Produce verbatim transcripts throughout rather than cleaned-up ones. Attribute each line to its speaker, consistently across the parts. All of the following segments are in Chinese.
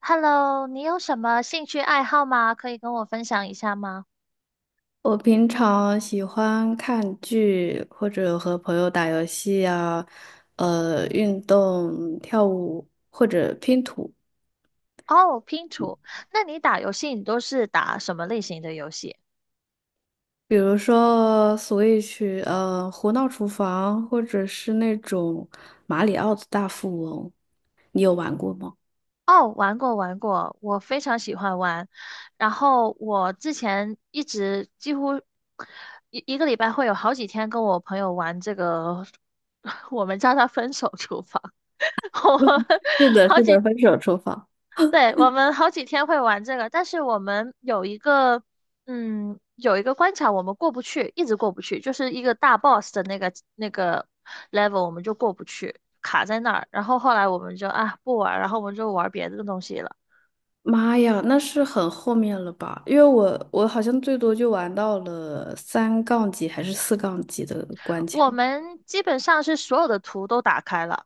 Speaker 1: Hello，你有什么兴趣爱好吗？可以跟我分享一下吗？
Speaker 2: 我平常喜欢看剧，或者和朋友打游戏啊，呃，运动、跳舞或者拼图，
Speaker 1: 哦，拼图。那你打游戏，你都是打什么类型的游戏？
Speaker 2: 比如说 Switch，呃，《胡闹厨房》，或者是那种《马里奥的大富翁》，你有玩过吗？
Speaker 1: 哦，玩过玩过，我非常喜欢玩。然后我之前一直几乎一一个礼拜会有好几天跟我朋友玩这个，我们叫它分手厨房。我们
Speaker 2: 是的，
Speaker 1: 好
Speaker 2: 是
Speaker 1: 几
Speaker 2: 的，分手厨房。
Speaker 1: 对，我们好几天会玩这个，但是我们有一个，嗯，有一个关卡我们过不去，一直过不去，就是一个大 boss 的那个那个 level 我们就过不去，卡在那儿。然后后来我们就啊不玩儿，然后我们就玩别的东西了。
Speaker 2: 妈呀，那是很后面了吧？因为我我好像最多就玩到了三杠几还是四杠几的关卡。
Speaker 1: 我们基本上是所有的图都打开了，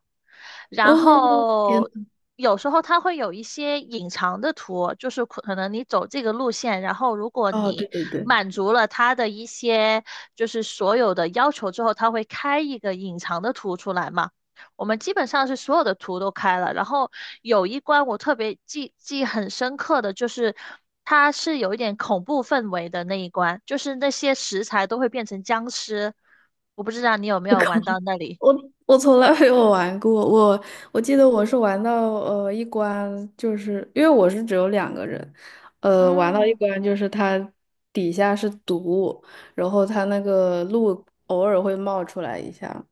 Speaker 1: 然
Speaker 2: 哦，天
Speaker 1: 后
Speaker 2: 呐，
Speaker 1: 有时候它会有一些隐藏的图，就是可能你走这个路线，然后如果
Speaker 2: 哦，对
Speaker 1: 你
Speaker 2: 对对，
Speaker 1: 满足了它的一些就是所有的要求之后，它会开一个隐藏的图出来嘛。我们基本上是所有的图都开了，然后有一关我特别记记很深刻的就是，它是有一点恐怖氛围的那一关，就是那些食材都会变成僵尸。我不知道你有没有玩到那 里。
Speaker 2: 我我从来没有玩过，我我记得我是玩到呃一关，就是因为我是只有两个人，呃，玩到一
Speaker 1: 嗯。
Speaker 2: 关就是它底下是毒物然后它那个路偶尔会冒出来一下，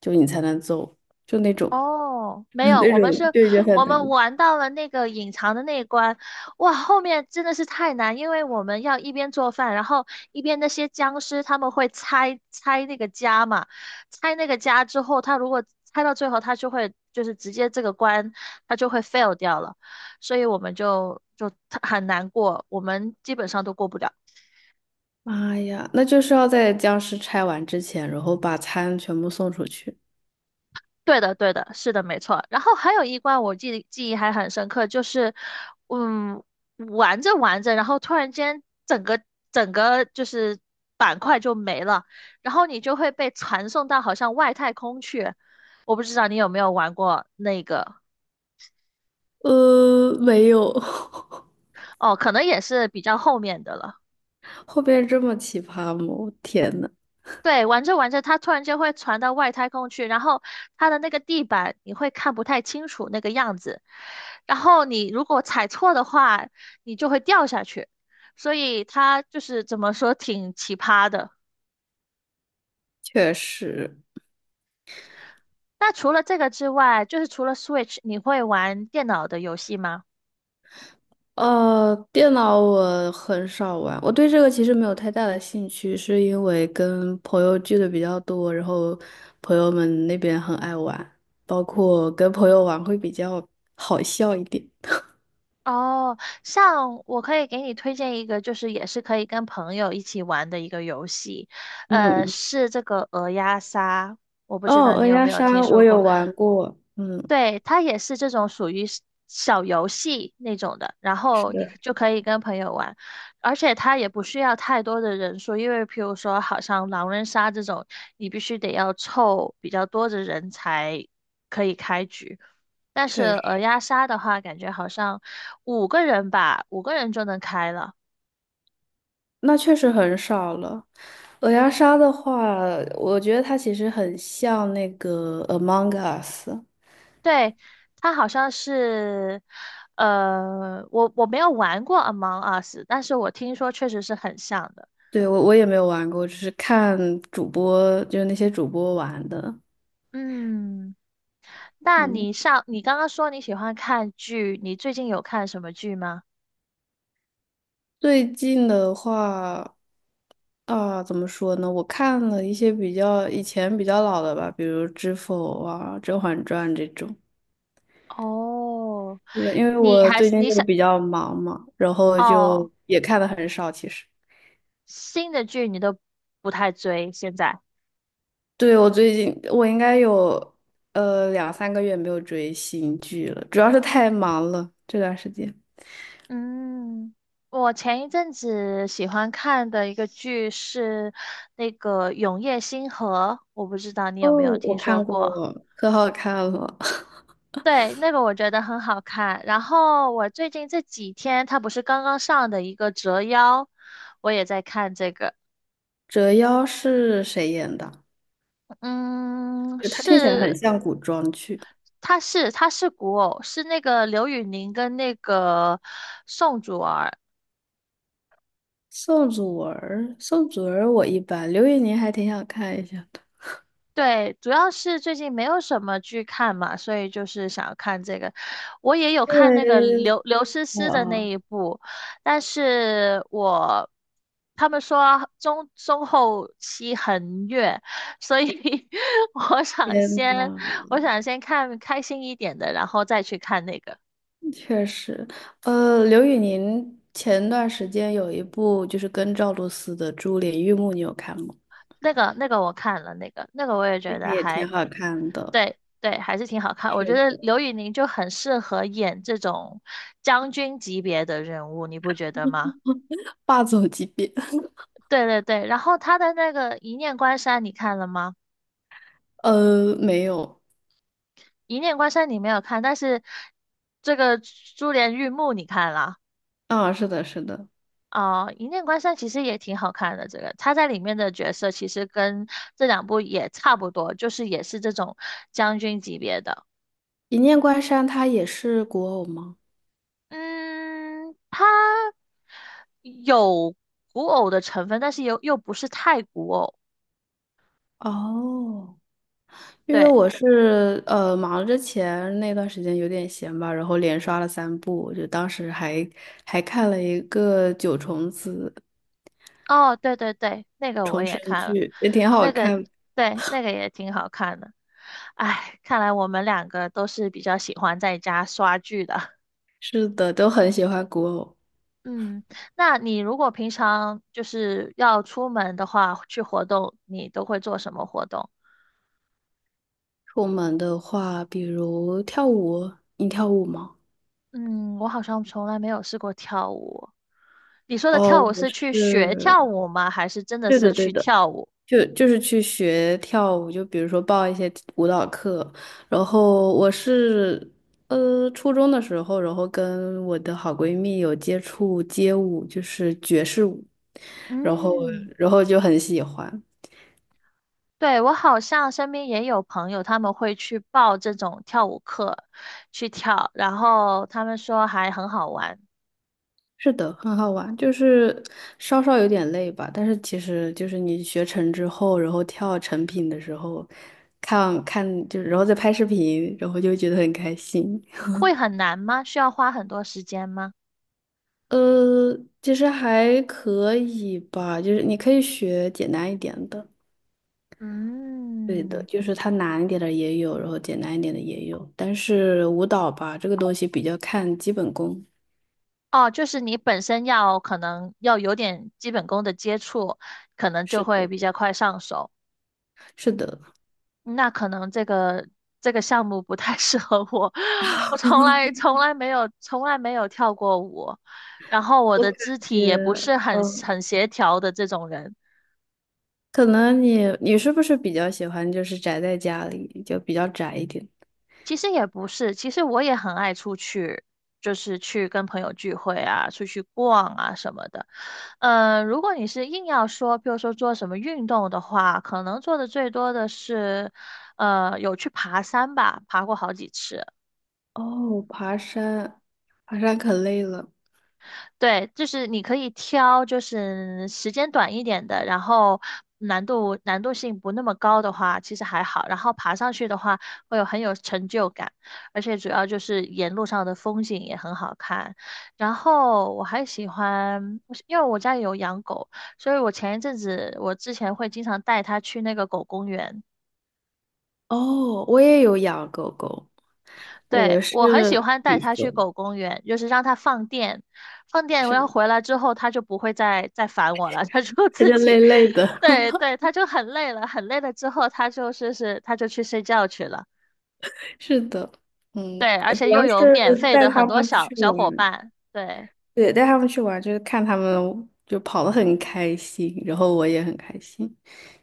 Speaker 2: 就你才能走，就那种
Speaker 1: 哦，没 有，
Speaker 2: 那
Speaker 1: 我
Speaker 2: 种
Speaker 1: 们是，
Speaker 2: 就已经很
Speaker 1: 我
Speaker 2: 难
Speaker 1: 们
Speaker 2: 了。
Speaker 1: 玩到了那个隐藏的那一关，哇，后面真的是太难，因为我们要一边做饭，然后一边那些僵尸他们会拆拆那个家嘛，拆那个家之后，他如果拆到最后，他就会就是直接这个关他就会 fail 掉了，所以我们就就很难过，我们基本上都过不了。
Speaker 2: 妈呀，那就是要在僵尸拆完之前，然后把餐全部送出去。
Speaker 1: 对的，对的，是的，没错。然后还有一关我记记忆还很深刻，就是，嗯，玩着玩着，然后突然间整个整个就是板块就没了，然后你就会被传送到好像外太空去。我不知道你有没有玩过那个，
Speaker 2: 呃，没有，
Speaker 1: 哦，可能也是比较后面的了。
Speaker 2: 后边这么奇葩吗？我天呐，
Speaker 1: 对，玩着玩着，它突然间会传到外太空去，然后它的那个地板你会看不太清楚那个样子，然后你如果踩错的话，你就会掉下去，所以它就是怎么说挺奇葩的。
Speaker 2: 确实。
Speaker 1: 那除了这个之外，就是除了 Switch，你会玩电脑的游戏吗？
Speaker 2: 呃，电脑我很少玩，我对这个其实没有太大的兴趣，是因为跟朋友聚的比较多，然后朋友们那边很爱玩，包括跟朋友玩会比较好笑一点。
Speaker 1: 哦，像我可以给你推荐一个，就是也是可以跟朋友一起玩的一个游戏，
Speaker 2: 嗯
Speaker 1: 呃，
Speaker 2: 嗯，
Speaker 1: 是这个鹅鸭杀，我不知
Speaker 2: 哦，
Speaker 1: 道你
Speaker 2: 鹅
Speaker 1: 有
Speaker 2: 鸭
Speaker 1: 没有听
Speaker 2: 杀我
Speaker 1: 说
Speaker 2: 有
Speaker 1: 过。
Speaker 2: 玩过，嗯，
Speaker 1: 对，它也是这种属于是小游戏那种的，然
Speaker 2: 是
Speaker 1: 后你
Speaker 2: 的，
Speaker 1: 就可以跟朋友玩，而且它也不需要太多的人数，因为譬如说，好像狼人杀这种，你必须得要凑比较多的人才可以开局。但是
Speaker 2: 确实，
Speaker 1: 鹅鸭杀的话，感觉好像五个人吧，五个人就能开了。
Speaker 2: 那确实很少了。鹅鸭杀的话，我觉得它其实很像那个 Among Us。
Speaker 1: 对，它好像是，呃，我我没有玩过 Among Us，但是我听说确实是很像的。
Speaker 2: 对，我我也没有玩过，只是看主播，就是那些主播玩的。
Speaker 1: 嗯，那
Speaker 2: 嗯，
Speaker 1: 你上，你刚刚说你喜欢看剧，你最近有看什么剧吗？
Speaker 2: 最近的话，啊，怎么说呢？我看了一些比较以前比较老的吧，比如《知否》啊，《甄嬛传》这种。
Speaker 1: 哦，
Speaker 2: 是的，因为
Speaker 1: 你
Speaker 2: 我
Speaker 1: 还
Speaker 2: 最
Speaker 1: 是
Speaker 2: 近
Speaker 1: 你
Speaker 2: 就
Speaker 1: 想，
Speaker 2: 比较忙嘛，然后就
Speaker 1: 哦，
Speaker 2: 也看的很少。其实，
Speaker 1: 新的剧你都不太追，现在。
Speaker 2: 对，我最近我应该有呃两三个月没有追新剧了，主要是太忙了这段时间。
Speaker 1: 嗯，我前一阵子喜欢看的一个剧是那个《永夜星河》，我不知道你
Speaker 2: 哦，
Speaker 1: 有没有
Speaker 2: 我
Speaker 1: 听说
Speaker 2: 看
Speaker 1: 过。
Speaker 2: 过，可好看了。
Speaker 1: 对，那个我觉得很好看。然后我最近这几天，它不是刚刚上的一个《折腰》，我也在看这个。
Speaker 2: 折腰是谁演的？
Speaker 1: 嗯，
Speaker 2: 就它听起来很
Speaker 1: 是，
Speaker 2: 像古装剧。
Speaker 1: 它是它是古偶，是那个刘宇宁跟那个宋祖儿。
Speaker 2: 宋祖儿，宋祖儿我一般，刘宇宁还挺想看一下的，
Speaker 1: 对，主要是最近没有什么剧看嘛，所以就是想要看这个。我也有
Speaker 2: 因
Speaker 1: 看那个
Speaker 2: 为
Speaker 1: 刘刘诗诗的那
Speaker 2: 哦，
Speaker 1: 一部，但是我他们说中中后期很虐，所以 我想
Speaker 2: 天
Speaker 1: 先
Speaker 2: 呐，
Speaker 1: 我想先看开心一点的，然后再去看那个。
Speaker 2: 确实，呃，刘宇宁前段时间有一部就是跟赵露思的《珠帘玉幕》，你有看吗？
Speaker 1: 那个那个我看了，那个那个我也
Speaker 2: 那
Speaker 1: 觉
Speaker 2: 个
Speaker 1: 得
Speaker 2: 也
Speaker 1: 还
Speaker 2: 挺好看的，
Speaker 1: 对对，还是挺好看。我觉
Speaker 2: 是
Speaker 1: 得
Speaker 2: 的，
Speaker 1: 刘宇宁就很适合演这种将军级别的人物，你不觉得吗？
Speaker 2: 霸总级别。
Speaker 1: 对对对，然后他的那个《一念关山》，你看了吗？
Speaker 2: 呃，没有，
Speaker 1: 《一念关山》你没有看，但是这个《珠帘玉幕》你看了
Speaker 2: 啊，是的，是的，
Speaker 1: 哦，一念关山》其实也挺好看的。这个他在里面的角色其实跟这两部也差不多，就是也是这种将军级别的。
Speaker 2: 《一念关山》它也是古偶吗？
Speaker 1: 嗯，他。有古偶的成分，但是又又不是太古偶。
Speaker 2: 哦。因为
Speaker 1: 对，
Speaker 2: 我是呃忙之前那段时间有点闲吧，然后连刷了三部，就当时还还看了一个《九重紫》
Speaker 1: 哦，对对对，那个我
Speaker 2: 重
Speaker 1: 也
Speaker 2: 生
Speaker 1: 看了，
Speaker 2: 剧，也挺好
Speaker 1: 那个
Speaker 2: 看。
Speaker 1: 对，那个也挺好看的。哎，看来我们两个都是比较喜欢在家刷剧的。
Speaker 2: 是的，都很喜欢古偶。
Speaker 1: 嗯，那你如果平常就是要出门的话，去活动，你都会做什么活动？
Speaker 2: 出门的话，比如跳舞，你跳舞吗？
Speaker 1: 嗯，我好像从来没有试过跳舞。你说的
Speaker 2: 哦，
Speaker 1: 跳舞
Speaker 2: 我
Speaker 1: 是去学
Speaker 2: 是，
Speaker 1: 跳舞吗？还是真的
Speaker 2: 对
Speaker 1: 是
Speaker 2: 的对
Speaker 1: 去
Speaker 2: 的。
Speaker 1: 跳舞？
Speaker 2: 就就是去学跳舞，就比如说报一些舞蹈课，然后我是呃初中的时候，然后跟我的好闺蜜有接触街舞，就是爵士舞，然后
Speaker 1: 嗯。
Speaker 2: 然后就很喜欢。
Speaker 1: 对，我好像身边也有朋友，他们会去报这种跳舞课去跳，然后他们说还很好玩。
Speaker 2: 是的，很好玩，就是稍稍有点累吧，但是其实就是你学成之后，然后跳成品的时候，看看就然后再拍视频，然后就会觉得很开心。
Speaker 1: 会很难吗？需要花很多时间吗？
Speaker 2: 呃，其实还可以吧，就是你可以学简单一点的，对的，
Speaker 1: 嗯，
Speaker 2: 就是它难一点的也有，然后简单一点的也有，但是舞蹈吧，这个东西比较看基本功。
Speaker 1: 哦，就是你本身要可能要有点基本功的接触，可能就
Speaker 2: 是
Speaker 1: 会
Speaker 2: 的，
Speaker 1: 比较快上手。
Speaker 2: 是的，
Speaker 1: 那可能这个这个项目不太 适合我，我从来从来没有从来没有跳过舞，然后我
Speaker 2: 我
Speaker 1: 的
Speaker 2: 感
Speaker 1: 肢体
Speaker 2: 觉，
Speaker 1: 也不是很
Speaker 2: 嗯，
Speaker 1: 很协调的这种人。
Speaker 2: 可能你你是不是比较喜欢就是宅在家里，就比较宅一点？
Speaker 1: 其实也不是，其实我也很爱出去，就是去跟朋友聚会啊，出去逛啊什么的。呃，如果你是硬要说，比如说做什么运动的话，可能做的最多的是，呃，有去爬山吧，爬过好几次。
Speaker 2: 哦，爬山，爬山可累了。
Speaker 1: 对，就是你可以挑，就是时间短一点的，然后难度难度性不那么高的话，其实还好。然后爬上去的话，会有很有成就感，而且主要就是沿路上的风景也很好看。然后我还喜欢，我是因为我家里有养狗，所以我前一阵子我之前会经常带它去那个狗公园。
Speaker 2: 哦，我也有养狗狗，我
Speaker 1: 对，我很喜
Speaker 2: 是
Speaker 1: 欢带
Speaker 2: 比
Speaker 1: 它去
Speaker 2: 熊，
Speaker 1: 狗公园，就是让它放电，放电，我
Speaker 2: 是，
Speaker 1: 要回来之后，它就不会再再烦我了，它就
Speaker 2: 它
Speaker 1: 自
Speaker 2: 就
Speaker 1: 己，
Speaker 2: 累累 的。
Speaker 1: 对 对，它就很累了，很累了之后，它就是是它就去睡觉去了，
Speaker 2: 是的，嗯，
Speaker 1: 对，而
Speaker 2: 呃主
Speaker 1: 且
Speaker 2: 要
Speaker 1: 又有
Speaker 2: 是
Speaker 1: 免费的
Speaker 2: 带
Speaker 1: 很
Speaker 2: 他
Speaker 1: 多
Speaker 2: 们
Speaker 1: 小
Speaker 2: 去
Speaker 1: 小伙
Speaker 2: 玩，
Speaker 1: 伴，对。
Speaker 2: 对，带他们去玩，就是看他们就跑得很开心，然后我也很开心，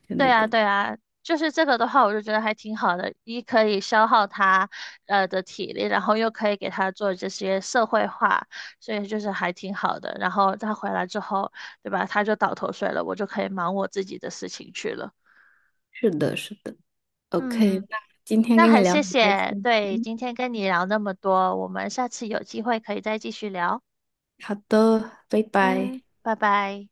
Speaker 2: 就那
Speaker 1: 对啊，
Speaker 2: 种。
Speaker 1: 对啊，就是这个的话，我就觉得还挺好的，一可以消耗他呃的体力，然后又可以给他做这些社会化，所以就是还挺好的。然后他回来之后，对吧？他就倒头睡了，我就可以忙我自己的事情去了。
Speaker 2: 是的，是的。OK，
Speaker 1: 嗯，
Speaker 2: 那今天
Speaker 1: 那
Speaker 2: 跟你
Speaker 1: 很
Speaker 2: 聊
Speaker 1: 谢
Speaker 2: 很开
Speaker 1: 谢，
Speaker 2: 心。
Speaker 1: 对，
Speaker 2: 嗯
Speaker 1: 今天跟你聊那么多，我们下次有机会可以再继续聊。
Speaker 2: 好的，拜拜。
Speaker 1: 嗯，拜拜。